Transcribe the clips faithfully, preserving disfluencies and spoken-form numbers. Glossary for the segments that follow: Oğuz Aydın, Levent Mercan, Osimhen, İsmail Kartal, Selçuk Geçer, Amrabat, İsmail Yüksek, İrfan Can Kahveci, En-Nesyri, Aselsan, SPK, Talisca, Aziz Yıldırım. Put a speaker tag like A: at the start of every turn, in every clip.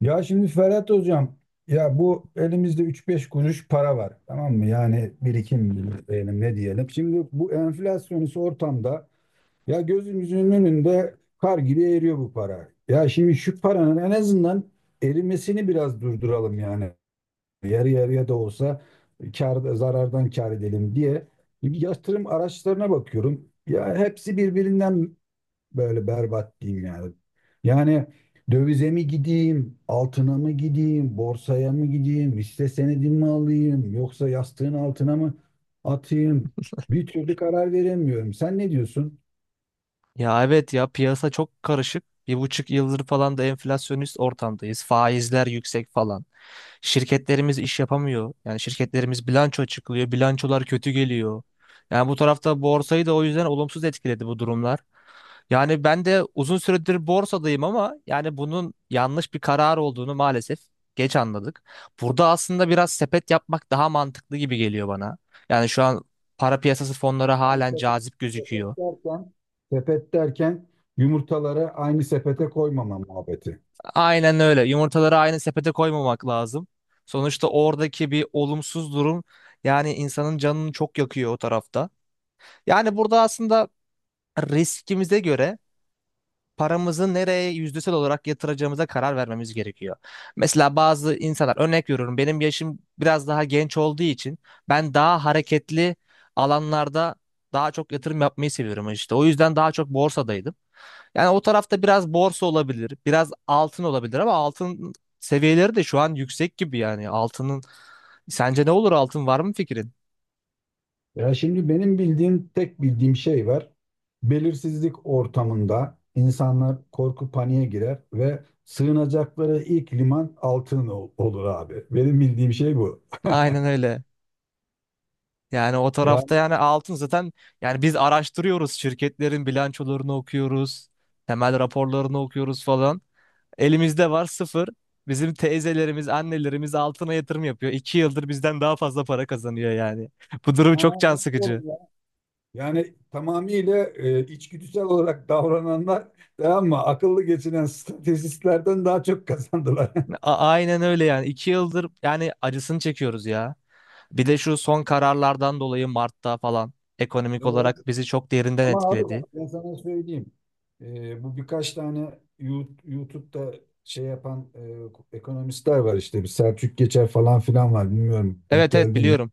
A: Ya şimdi Ferhat Hocam, ya bu elimizde üç beş kuruş para var, tamam mı? Yani birikim diyelim, ne diyelim. Şimdi bu enflasyonist ortamda ya gözümüzün önünde kar gibi eriyor bu para. Ya şimdi şu paranın en azından erimesini biraz durduralım yani. Yarı yarıya da olsa kar, zarardan kar edelim diye. Yatırım araçlarına bakıyorum. Ya hepsi birbirinden böyle berbat diyeyim yani. Yani dövize mi gideyim, altına mı gideyim, borsaya mı gideyim, hisse senedi mi alayım, yoksa yastığın altına mı atayım? Bir türlü karar veremiyorum. Sen ne diyorsun?
B: Ya evet ya piyasa çok karışık. Bir buçuk yıldır falan da enflasyonist ortamdayız. Faizler yüksek falan. Şirketlerimiz iş yapamıyor. Yani şirketlerimiz bilanço açıklıyor. Bilançolar kötü geliyor. Yani bu tarafta borsayı da o yüzden olumsuz etkiledi bu durumlar. Yani ben de uzun süredir borsadayım ama yani bunun yanlış bir karar olduğunu maalesef geç anladık. Burada aslında biraz sepet yapmak daha mantıklı gibi geliyor bana. Yani şu an para piyasası fonları
A: Yani
B: halen
A: sepet,
B: cazip
A: sepet
B: gözüküyor.
A: derken, sepet derken yumurtaları aynı sepete koymama muhabbeti.
B: Aynen öyle. Yumurtaları aynı sepete koymamak lazım. Sonuçta oradaki bir olumsuz durum yani insanın canını çok yakıyor o tarafta. Yani burada aslında riskimize göre paramızı nereye yüzdesel olarak yatıracağımıza karar vermemiz gerekiyor. Mesela bazı insanlar örnek veriyorum benim yaşım biraz daha genç olduğu için ben daha hareketli alanlarda daha çok yatırım yapmayı seviyorum işte. O yüzden daha çok borsadaydım. Yani o tarafta biraz borsa olabilir, biraz altın olabilir ama altın seviyeleri de şu an yüksek gibi yani. Altının sence ne olur altın var mı fikrin?
A: Ya şimdi benim bildiğim, tek bildiğim şey var. Belirsizlik ortamında insanlar korku paniğe girer ve sığınacakları ilk liman altın ol- olur abi. Benim bildiğim şey bu.
B: Aynen öyle. Yani o tarafta
A: Yani,
B: yani altın zaten yani biz araştırıyoruz şirketlerin bilançolarını okuyoruz, temel raporlarını okuyoruz falan. Elimizde var sıfır. Bizim teyzelerimiz, annelerimiz altına yatırım yapıyor. İki yıldır bizden daha fazla para kazanıyor yani. Bu durum
A: ha,
B: çok can sıkıcı.
A: olur ya. Yani tamamıyla e, içgüdüsel olarak davrananlar, tamam mı? Akıllı geçinen stratejistlerden daha çok kazandılar.
B: A- aynen öyle yani. İki yıldır yani acısını çekiyoruz ya. Bir de şu son kararlardan dolayı Mart'ta falan ekonomik olarak bizi çok derinden
A: Ama abi bak
B: etkiledi.
A: ben sana söyleyeyim. Ee, bu birkaç tane Yu- YouTube'da şey yapan e, ekonomistler var işte. Bir Selçuk Geçer falan filan var. Bilmiyorum denk
B: Evet, evet,
A: geldin mi?
B: biliyorum.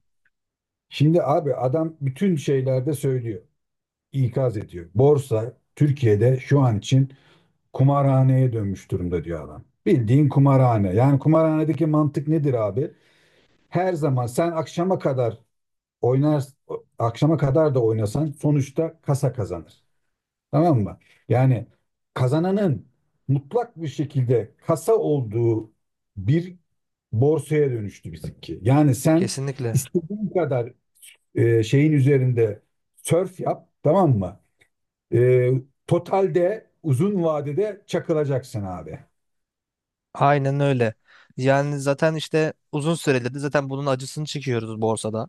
A: Şimdi abi adam bütün şeylerde söylüyor, ikaz ediyor. Borsa Türkiye'de şu an için kumarhaneye dönmüş durumda diyor adam. Bildiğin kumarhane. Yani kumarhanedeki mantık nedir abi? Her zaman sen akşama kadar oynar, akşama kadar da oynasan sonuçta kasa kazanır. Tamam mı? Yani kazananın mutlak bir şekilde kasa olduğu bir borsaya dönüştü bizimki. Yani sen
B: Kesinlikle.
A: istediğin kadar e, şeyin üzerinde sörf yap, tamam mı? E, Totalde uzun vadede çakılacaksın abi.
B: Aynen öyle. Yani zaten işte uzun süredir de zaten bunun acısını çekiyoruz borsada.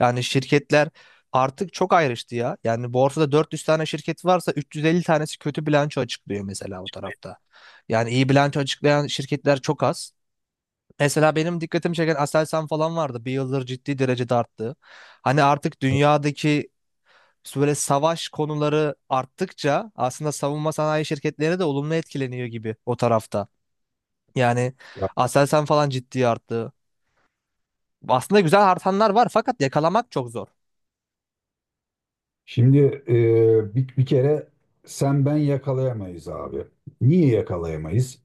B: Yani şirketler artık çok ayrıştı ya. Yani borsada dört yüz tane şirket varsa üç yüz elli tanesi kötü bilanço açıklıyor mesela o tarafta. Yani iyi bilanço açıklayan şirketler çok az. Mesela benim dikkatimi çeken Aselsan falan vardı. Bir yıldır ciddi derecede arttı. Hani artık dünyadaki İşte böyle savaş konuları arttıkça aslında savunma sanayi şirketleri de olumlu etkileniyor gibi o tarafta. Yani Aselsan falan ciddi arttı. Aslında güzel artanlar var fakat yakalamak çok zor.
A: Şimdi e, bir, bir kere sen ben yakalayamayız abi. Niye yakalayamayız?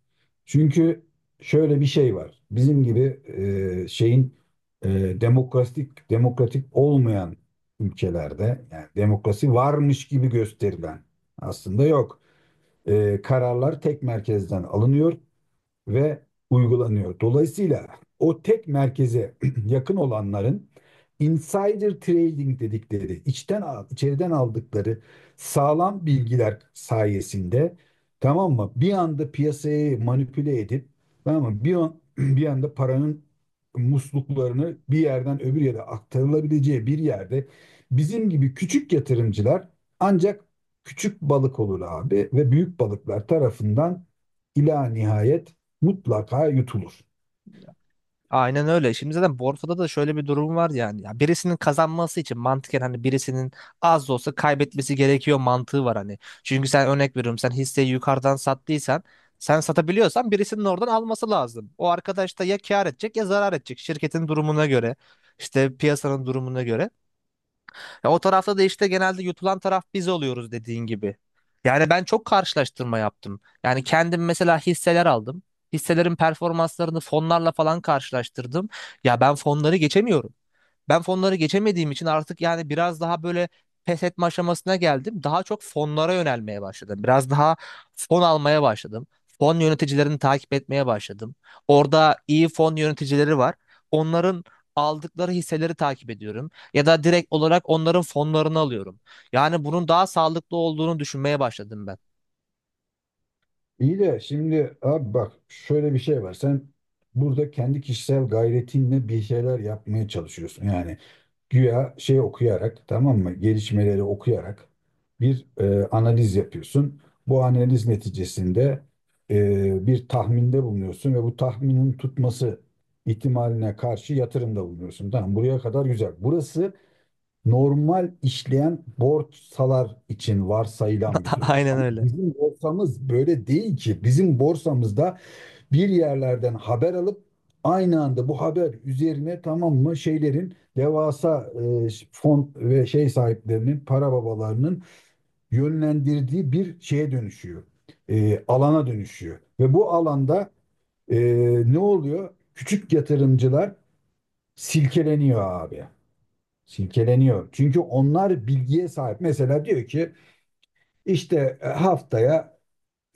A: Çünkü şöyle bir şey var. Bizim gibi e, şeyin, e, demokratik, demokratik olmayan ülkelerde, yani demokrasi varmış gibi gösterilen, aslında yok. E, kararlar tek merkezden alınıyor ve uygulanıyor. Dolayısıyla o tek merkeze yakın olanların, insider trading dedikleri, içten al- içeriden aldıkları sağlam bilgiler sayesinde, tamam mı, bir anda piyasayı manipüle edip, tamam mı, Bir an, bir anda paranın musluklarını bir yerden öbür yere aktarılabileceği bir yerde, bizim gibi küçük yatırımcılar ancak küçük balık olur abi ve büyük balıklar tarafından ila nihayet mutlaka yutulur.
B: Aynen öyle. Şimdi zaten borsada da şöyle bir durum var yani. Ya birisinin kazanması için mantıken hani birisinin az da olsa kaybetmesi gerekiyor mantığı var hani. Çünkü sen örnek veriyorum sen hisseyi yukarıdan sattıysan sen satabiliyorsan birisinin oradan alması lazım. O arkadaş da ya kâr edecek ya zarar edecek şirketin durumuna göre. İşte piyasanın durumuna göre. Ya o tarafta da işte genelde yutulan taraf biz oluyoruz dediğin gibi. Yani ben çok karşılaştırma yaptım. Yani kendim mesela hisseler aldım. Hisselerin performanslarını fonlarla falan karşılaştırdım. Ya ben fonları geçemiyorum. Ben fonları geçemediğim için artık yani biraz daha böyle pes etme aşamasına geldim. Daha çok fonlara yönelmeye başladım. Biraz daha fon almaya başladım. Fon yöneticilerini takip etmeye başladım. Orada iyi fon yöneticileri var. Onların aldıkları hisseleri takip ediyorum. Ya da direkt olarak onların fonlarını alıyorum. Yani bunun daha sağlıklı olduğunu düşünmeye başladım ben.
A: İyi de şimdi abi bak şöyle bir şey var. Sen burada kendi kişisel gayretinle bir şeyler yapmaya çalışıyorsun. Yani güya şey okuyarak, tamam mı? Gelişmeleri okuyarak bir e, analiz yapıyorsun. Bu analiz neticesinde e, bir tahminde bulunuyorsun ve bu tahminin tutması ihtimaline karşı yatırımda bulunuyorsun. Tamam, buraya kadar güzel. Burası normal işleyen borsalar için varsayılan bir durum.
B: Aynen
A: Ama
B: öyle.
A: bizim borsamız böyle değil ki. Bizim borsamızda bir yerlerden haber alıp aynı anda bu haber üzerine, tamam mı, şeylerin devasa e, fon ve şey sahiplerinin, para babalarının yönlendirdiği bir şeye dönüşüyor. E, alana dönüşüyor. Ve bu alanda e, ne oluyor? Küçük yatırımcılar silkeleniyor abi. Silkeleniyor. Çünkü onlar bilgiye sahip. Mesela diyor ki işte e, haftaya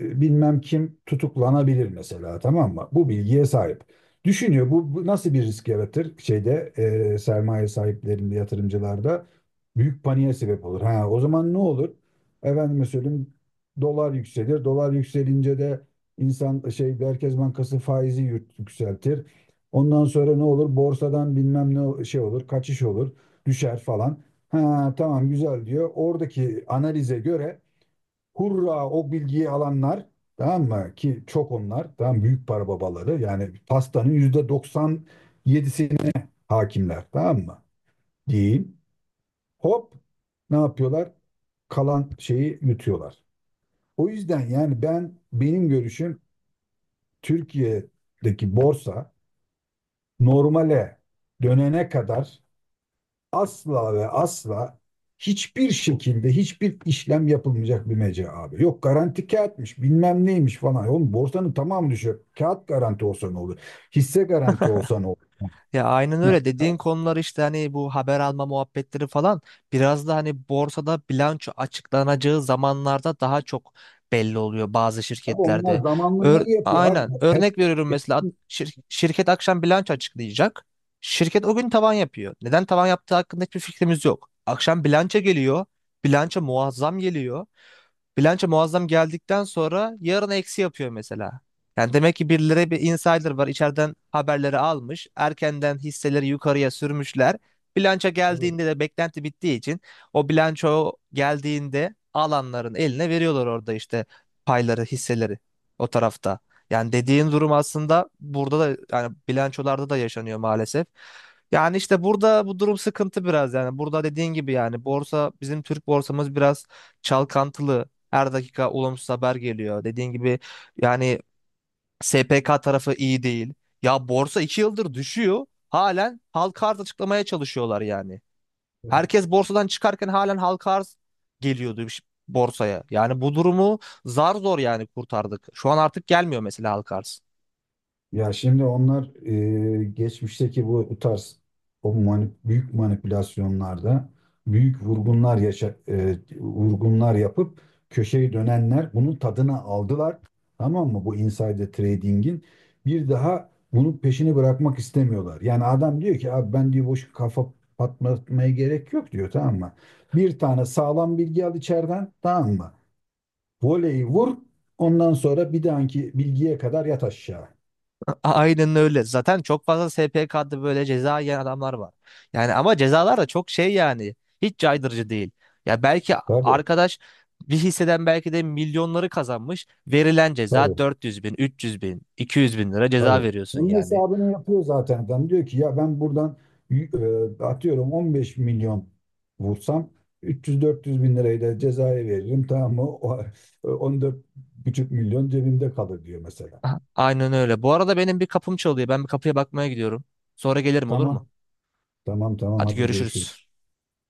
A: e, bilmem kim tutuklanabilir mesela, tamam mı? Bu bilgiye sahip. Düşünüyor, bu, bu nasıl bir risk yaratır şeyde, e, sermaye sahiplerinde, yatırımcılarda büyük paniğe sebep olur. Ha, o zaman ne olur? Efendime söyleyeyim, dolar yükselir. Dolar yükselince de insan şey, Merkez Bankası faizi yük- yükseltir. Ondan sonra ne olur? Borsadan bilmem ne şey olur, kaçış olur, düşer falan. Ha tamam güzel diyor. Oradaki analize göre hurra o bilgiyi alanlar, tamam mı ki çok, onlar tamam, büyük para babaları yani pastanın yüzde doksan yedisine hakimler, tamam mı diyeyim. Hop, ne yapıyorlar? Kalan şeyi yutuyorlar. O yüzden yani ben, benim görüşüm, Türkiye'deki borsa normale dönene kadar asla ve asla hiçbir şekilde hiçbir işlem yapılmayacak bir mecra abi. Yok garanti kağıtmış, bilmem neymiş falan. Oğlum borsanın tamamı düşüyor. Kağıt garanti olsa ne olur? Hisse garanti olsa ne olur?
B: Ya aynen
A: Heh.
B: öyle dediğin konular işte hani bu haber alma muhabbetleri falan biraz da hani borsada bilanço açıklanacağı zamanlarda daha çok belli oluyor bazı
A: Abi
B: şirketlerde.
A: onlar zamanla
B: Ör-
A: ne yapıyor abi?
B: aynen
A: Hep,
B: örnek veriyorum
A: hep-
B: mesela ad- şir- şirket akşam bilanço açıklayacak. Şirket o gün tavan yapıyor. Neden tavan yaptığı hakkında hiçbir fikrimiz yok. Akşam bilanço geliyor. Bilanço muazzam geliyor. Bilanço muazzam geldikten sonra yarın eksi yapıyor mesela. Yani demek ki birileri bir insider var içeriden haberleri almış. Erkenden hisseleri yukarıya sürmüşler. Bilanço
A: Tabii.
B: geldiğinde de beklenti bittiği için o bilanço geldiğinde alanların eline veriyorlar orada işte payları, hisseleri o tarafta. Yani dediğin durum aslında burada da yani bilançolarda da yaşanıyor maalesef. Yani işte burada bu durum sıkıntı biraz yani. Burada dediğin gibi yani borsa bizim Türk borsamız biraz çalkantılı. Her dakika olumsuz haber geliyor. Dediğin gibi yani S P K tarafı iyi değil. Ya borsa iki yıldır düşüyor. Halen halka arz açıklamaya çalışıyorlar yani. Herkes borsadan çıkarken halen halka arz geliyordu ş- borsaya. Yani bu durumu zar zor yani kurtardık. Şu an artık gelmiyor mesela halka arz.
A: Ya şimdi onlar e, geçmişteki bu, bu tarz o mani- büyük manipülasyonlarda büyük vurgunlar yaşa, e, vurgunlar yapıp köşeyi dönenler bunun tadına aldılar. Tamam mı? Bu insider trading'in bir daha bunun peşini bırakmak istemiyorlar. Yani adam diyor ki abi, ben diyor boş kafa patlatmaya gerek yok diyor, tamam mı? Bir tane sağlam bilgi al içeriden, tamam mı? Voleyi vur, ondan sonra bir dahaki bilgiye kadar yat aşağı.
B: A- Aynen öyle. Zaten çok fazla S P K'da böyle ceza yiyen adamlar var. Yani ama cezalar da çok şey yani. Hiç caydırıcı değil. Ya belki
A: Tabii.
B: arkadaş bir hisseden belki de milyonları kazanmış. Verilen ceza
A: Tabii,
B: dört yüz bin, üç yüz bin, iki yüz bin lira ceza
A: tabii.
B: veriyorsun
A: Onun
B: yani.
A: hesabını yapıyor zaten adam. Diyor ki ya ben buradan y- e, atıyorum on beş milyon vursam, üç yüz dört yüz bin lirayı da cezaya veririm. Tamam mı? O, e, on dört buçuk milyon cebimde kalır diyor mesela.
B: A- Aynen öyle. Bu arada benim bir kapım çalıyor. Ben bir kapıya bakmaya gidiyorum. Sonra gelirim olur mu?
A: Tamam, tamam, tamam,
B: Hadi
A: hadi görüşürüz.
B: görüşürüz.